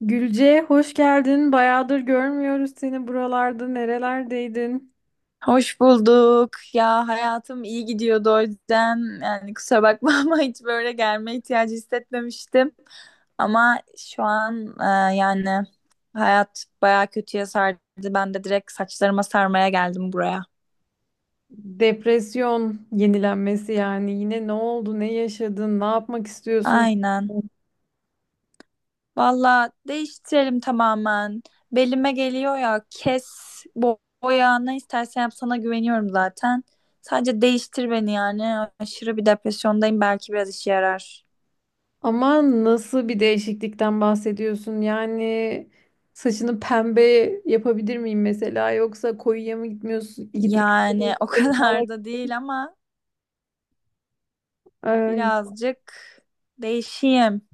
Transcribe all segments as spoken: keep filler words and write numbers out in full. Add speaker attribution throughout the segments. Speaker 1: Gülce hoş geldin. Bayağıdır görmüyoruz seni buralarda. Nerelerdeydin?
Speaker 2: Hoş bulduk. Ya hayatım iyi gidiyordu o yüzden yani kusura bakma ama hiç böyle gelme ihtiyacı hissetmemiştim. Ama şu an e, yani hayat bayağı kötüye sardı. Ben de direkt saçlarıma sarmaya geldim buraya.
Speaker 1: Depresyon yenilenmesi yani. Yine ne oldu? Ne yaşadın? Ne yapmak istiyorsun?
Speaker 2: Aynen. Valla değiştirelim tamamen. Belime geliyor ya kes, bo- boya ne istersen yap, sana güveniyorum zaten. Sadece değiştir beni yani. Aşırı bir depresyondayım, belki biraz işe yarar.
Speaker 1: Ama nasıl bir değişiklikten bahsediyorsun? Yani saçını pembe yapabilir miyim mesela? Yoksa koyuya mı gitmiyorsun? Gitmek
Speaker 2: Yani o kadar da değil ama
Speaker 1: Ay,
Speaker 2: birazcık değişeyim.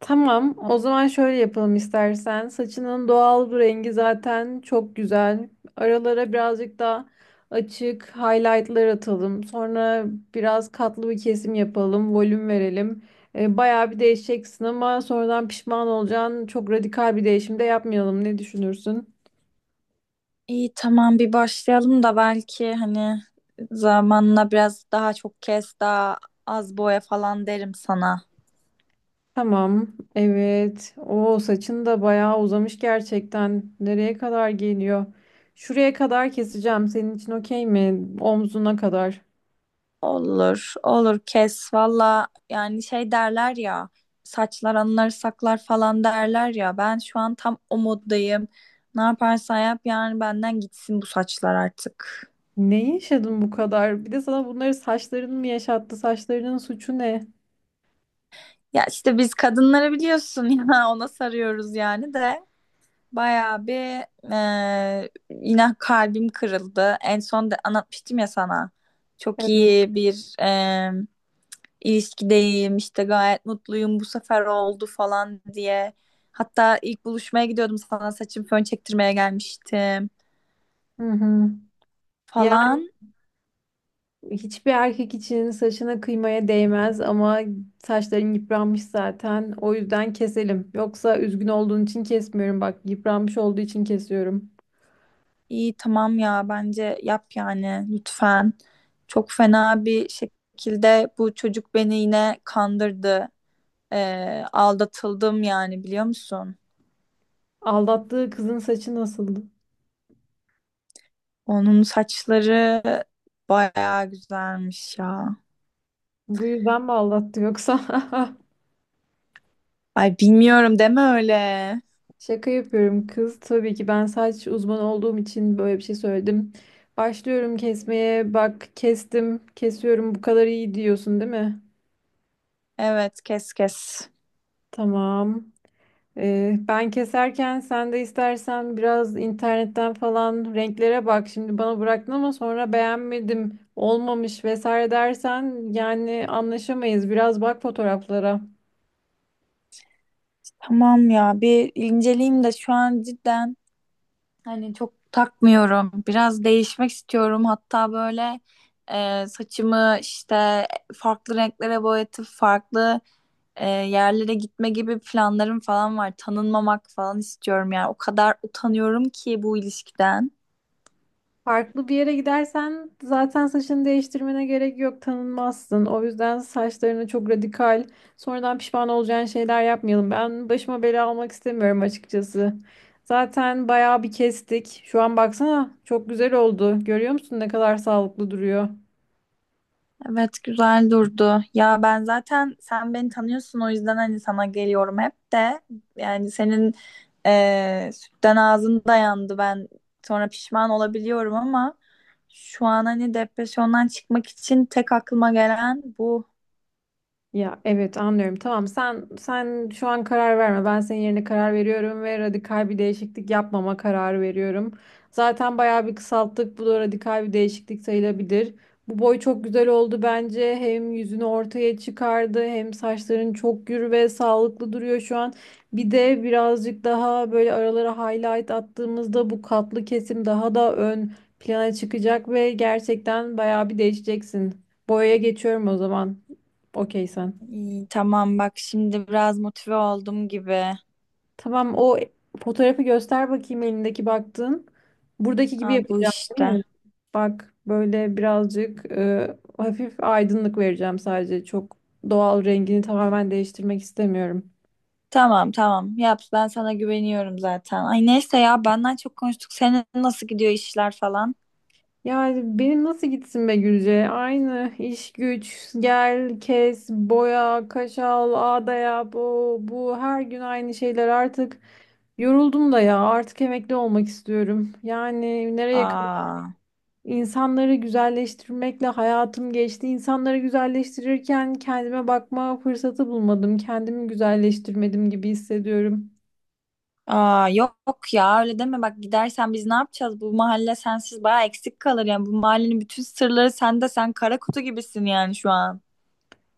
Speaker 1: tamam, o zaman şöyle yapalım istersen. Saçının doğal bu rengi zaten çok güzel. Aralara birazcık daha açık highlightlar atalım. Sonra biraz katlı bir kesim yapalım, volüm verelim. E, bayağı bir değişeceksin ama sonradan pişman olacaksın. Çok radikal bir değişim de yapmayalım. Ne düşünürsün?
Speaker 2: İyi tamam bir başlayalım da belki hani zamanla biraz daha çok kes daha az boya falan derim sana.
Speaker 1: Tamam, evet. O saçın da bayağı uzamış gerçekten. Nereye kadar geliyor? Şuraya kadar keseceğim. Senin için okey mi? Omzuna kadar.
Speaker 2: Olur olur kes valla, yani şey derler ya, saçlar anıları saklar falan derler ya, ben şu an tam o moddayım. Ne yaparsan yap, yani benden gitsin bu saçlar artık.
Speaker 1: Ne yaşadın bu kadar? Bir de sana bunları saçların mı yaşattı? Saçlarının suçu ne?
Speaker 2: Ya işte biz kadınları biliyorsun ya, ona sarıyoruz yani de. Bayağı bir eee, yine kalbim kırıldı. En son da anlatmıştım ya sana. Çok
Speaker 1: Evet.
Speaker 2: iyi bir eee ilişkideyim işte, gayet mutluyum, bu sefer oldu falan diye. Hatta ilk buluşmaya gidiyordum, sana saçım fön çektirmeye gelmiştim
Speaker 1: Hı hı. Yani
Speaker 2: falan.
Speaker 1: hiçbir erkek için saçına kıymaya değmez ama saçların yıpranmış zaten. O yüzden keselim. Yoksa üzgün olduğun için kesmiyorum. Bak yıpranmış olduğu için kesiyorum.
Speaker 2: İyi tamam ya, bence yap yani lütfen. Çok fena bir şekilde bu çocuk beni yine kandırdı. Eee, aldatıldım yani, biliyor musun?
Speaker 1: Aldattığı kızın saçı nasıldı?
Speaker 2: Onun saçları bayağı güzelmiş ya.
Speaker 1: Bu yüzden mi aldattı yoksa?
Speaker 2: Ay bilmiyorum, deme öyle.
Speaker 1: Şaka yapıyorum kız. Tabii ki ben saç uzmanı olduğum için böyle bir şey söyledim. Başlıyorum kesmeye. Bak kestim, kesiyorum. Bu kadar iyi diyorsun, değil mi?
Speaker 2: Evet kes kes.
Speaker 1: Tamam. Ee, ben keserken sen de istersen biraz internetten falan renklere bak. Şimdi bana bıraktın ama sonra beğenmedim, olmamış vesaire dersen yani anlaşamayız. Biraz bak fotoğraflara.
Speaker 2: Tamam ya bir inceleyeyim de şu an cidden hani çok takmıyorum. Biraz değişmek istiyorum. Hatta böyle e, saçımı işte farklı renklere boyatıp farklı e, yerlere gitme gibi planlarım falan var. Tanınmamak falan istiyorum yani. O kadar utanıyorum ki bu ilişkiden.
Speaker 1: Farklı bir yere gidersen zaten saçını değiştirmene gerek yok, tanınmazsın. O yüzden saçlarını çok radikal, sonradan pişman olacağın şeyler yapmayalım. Ben başıma bela almak istemiyorum açıkçası. Zaten bayağı bir kestik. Şu an baksana çok güzel oldu. Görüyor musun ne kadar sağlıklı duruyor?
Speaker 2: Evet güzel durdu. Ya ben zaten sen beni tanıyorsun o yüzden hani sana geliyorum hep de. Yani senin eee sütten ağzın dayandı, ben sonra pişman olabiliyorum ama şu an hani depresyondan çıkmak için tek aklıma gelen bu.
Speaker 1: Ya evet anlıyorum. Tamam, sen sen şu an karar verme. Ben senin yerine karar veriyorum ve radikal bir değişiklik yapmama kararı veriyorum. Zaten bayağı bir kısalttık. Bu da radikal bir değişiklik sayılabilir. Bu boy çok güzel oldu bence. Hem yüzünü ortaya çıkardı, hem saçların çok gür ve sağlıklı duruyor şu an. Bir de birazcık daha böyle aralara highlight attığımızda bu katlı kesim daha da ön plana çıkacak ve gerçekten bayağı bir değişeceksin. Boyaya geçiyorum o zaman. Okey sen.
Speaker 2: İyi, tamam, bak şimdi biraz motive oldum gibi.
Speaker 1: Tamam, o fotoğrafı göster bakayım elindeki baktığın. Buradaki gibi
Speaker 2: Ha, bu
Speaker 1: yapacağım, değil
Speaker 2: işte.
Speaker 1: mi? Bak böyle birazcık e, hafif aydınlık vereceğim sadece. Çok doğal rengini tamamen değiştirmek istemiyorum.
Speaker 2: Tamam tamam yap, ben sana güveniyorum zaten. Ay neyse ya, benden çok konuştuk. Senin nasıl gidiyor işler falan?
Speaker 1: Yani benim nasıl gitsin be Gülce? Aynı iş güç, gel, kes, boya, kaşal, ağda yap, o, bu, her gün aynı şeyler artık. Yoruldum da ya, artık emekli olmak istiyorum. Yani nereye
Speaker 2: Aa.
Speaker 1: İnsanları güzelleştirmekle hayatım geçti. İnsanları güzelleştirirken kendime bakma fırsatı bulmadım. Kendimi güzelleştirmedim gibi hissediyorum.
Speaker 2: Aa, yok ya öyle deme, bak gidersen biz ne yapacağız? Bu mahalle sensiz baya eksik kalır, yani bu mahallenin bütün sırları sende, sen kara kutu gibisin yani şu an.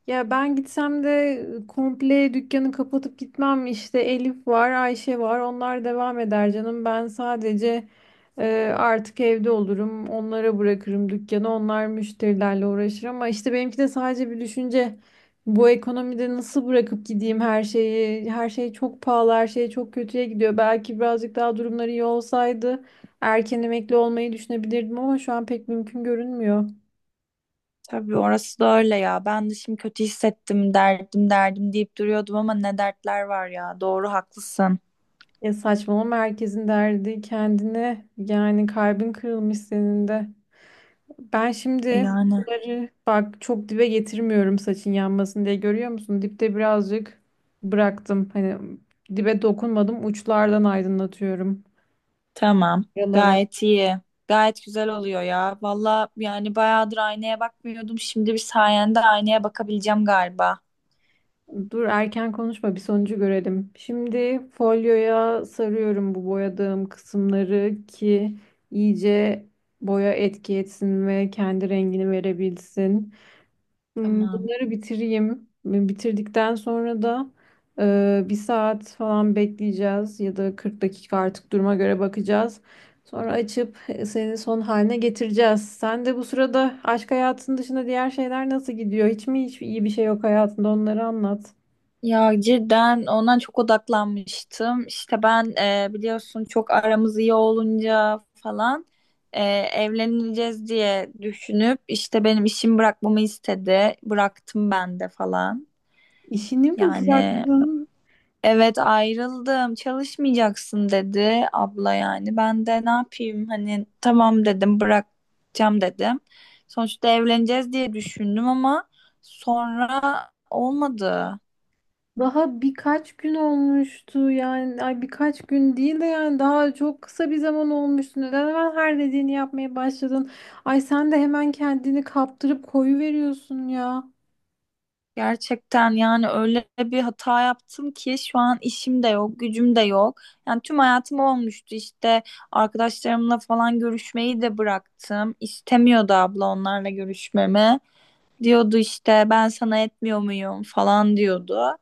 Speaker 1: Ya ben gitsem de komple dükkanı kapatıp gitmem. İşte Elif var, Ayşe var. Onlar devam eder canım. Ben sadece Ee, artık evde olurum. Onlara bırakırım dükkanı. Onlar müşterilerle uğraşır ama işte benimki de sadece bir düşünce. Bu ekonomide nasıl bırakıp gideyim her şeyi? Her şey çok pahalı, her şey çok kötüye gidiyor. Belki birazcık daha durumları iyi olsaydı erken emekli olmayı düşünebilirdim ama şu an pek mümkün görünmüyor.
Speaker 2: Tabii orası da öyle ya, ben de şimdi kötü hissettim, derdim derdim deyip duruyordum ama ne dertler var ya, doğru haklısın.
Speaker 1: Ya saçmalama, herkesin derdi kendine. Yani kalbin kırılmış senin de. Ben şimdi
Speaker 2: Yani
Speaker 1: bunları bak çok dibe getirmiyorum saçın yanmasın diye, görüyor musun? Dipte birazcık bıraktım. Hani dibe dokunmadım, uçlardan aydınlatıyorum.
Speaker 2: tamam,
Speaker 1: Yalara.
Speaker 2: gayet iyi, gayet güzel oluyor ya valla, yani bayağıdır aynaya bakmıyordum, şimdi bir sayende aynaya bakabileceğim galiba.
Speaker 1: Dur erken konuşma, bir sonucu görelim. Şimdi folyoya sarıyorum bu boyadığım kısımları ki iyice boya etki etsin ve kendi rengini verebilsin. Hmm,
Speaker 2: Tamam.
Speaker 1: Bunları bitireyim. Bitirdikten sonra da e, bir saat falan bekleyeceğiz ya da kırk dakika artık, duruma göre bakacağız. Sonra açıp e, senin son haline getireceğiz. Sen de bu sırada aşk hayatının dışında diğer şeyler nasıl gidiyor? Hiç mi hiç iyi bir şey yok hayatında? Onları anlat.
Speaker 2: Ya cidden ondan çok odaklanmıştım. İşte ben, e, biliyorsun çok aramız iyi olunca falan, e, evleneceğiz diye düşünüp işte benim işimi bırakmamı istedi. Bıraktım ben de falan.
Speaker 1: İşini mi
Speaker 2: Yani
Speaker 1: bıraktın?
Speaker 2: evet, ayrıldım, çalışmayacaksın dedi abla yani. Ben de ne yapayım hani, tamam dedim, bırakacağım dedim. Sonuçta evleneceğiz diye düşündüm ama sonra olmadı.
Speaker 1: Daha birkaç gün olmuştu, yani ay birkaç gün değil de yani daha çok kısa bir zaman olmuştu. Neden hemen her dediğini yapmaya başladın? Ay sen de hemen kendini kaptırıp koyu veriyorsun ya.
Speaker 2: Gerçekten yani öyle bir hata yaptım ki şu an işim de yok, gücüm de yok. Yani tüm hayatım olmuştu işte, arkadaşlarımla falan görüşmeyi de bıraktım. İstemiyordu abla onlarla görüşmemi. Diyordu işte ben sana etmiyor muyum falan diyordu.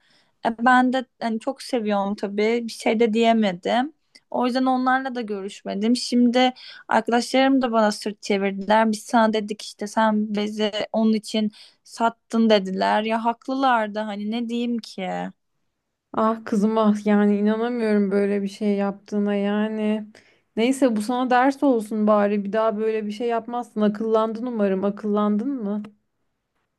Speaker 2: E, ben de hani çok seviyorum tabii, bir şey de diyemedim. O yüzden onlarla da görüşmedim. Şimdi arkadaşlarım da bana sırt çevirdiler. Biz sana dedik işte, sen bizi onun için sattın, dediler. Ya haklılar da hani, ne diyeyim ki?
Speaker 1: Ah kızım ah, yani inanamıyorum böyle bir şey yaptığına yani. Neyse, bu sana ders olsun bari, bir daha böyle bir şey yapmazsın. Akıllandın umarım. Akıllandın mı?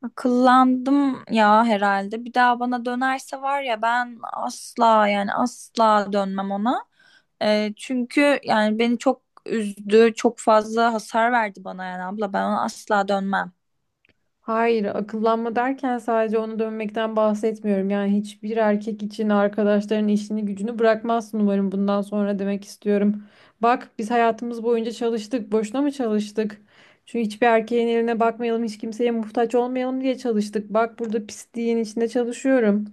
Speaker 2: Akıllandım ya herhalde. Bir daha bana dönerse var ya, ben asla, yani asla dönmem ona. Ee, çünkü yani beni çok üzdü, çok fazla hasar verdi bana yani abla. Ben ona asla dönmem.
Speaker 1: Hayır, akıllanma derken sadece onu dönmekten bahsetmiyorum. Yani hiçbir erkek için arkadaşların işini gücünü bırakmazsın umarım bundan sonra, demek istiyorum. Bak biz hayatımız boyunca çalıştık. Boşuna mı çalıştık? Çünkü hiçbir erkeğin eline bakmayalım, hiç kimseye muhtaç olmayalım diye çalıştık. Bak burada pisliğin içinde çalışıyorum.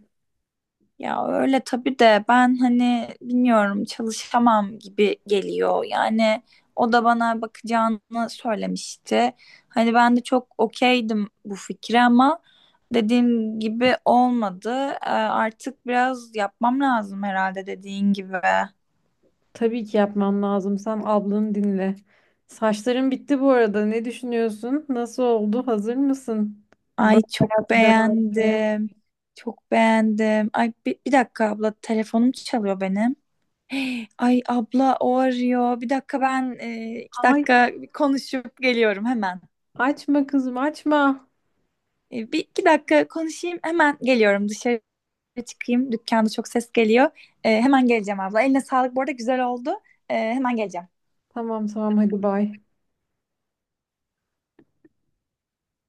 Speaker 2: Ya öyle tabii de ben hani bilmiyorum, çalışamam gibi geliyor. Yani o da bana bakacağını söylemişti. Hani ben de çok okeydim bu fikre ama dediğim gibi olmadı. Ee, Artık biraz yapmam lazım herhalde dediğin gibi.
Speaker 1: Tabii ki yapmam lazım. Sen ablanı dinle. Saçların bitti bu arada. Ne düşünüyorsun? Nasıl oldu? Hazır mısın? Böyle
Speaker 2: Ay çok
Speaker 1: hayatı devam etmeye.
Speaker 2: beğendim. Çok beğendim. Ay bir, bir dakika abla, telefonum çalıyor benim. Ay abla o arıyor. Bir dakika ben, e, iki
Speaker 1: Hayır.
Speaker 2: dakika konuşup geliyorum hemen.
Speaker 1: Açma kızım açma.
Speaker 2: E, bir iki dakika konuşayım, hemen geliyorum. Dışarı çıkayım. Dükkanda çok ses geliyor. E, hemen geleceğim abla. Eline sağlık bu arada, güzel oldu. E, hemen geleceğim.
Speaker 1: Tamam tamam, hadi bay.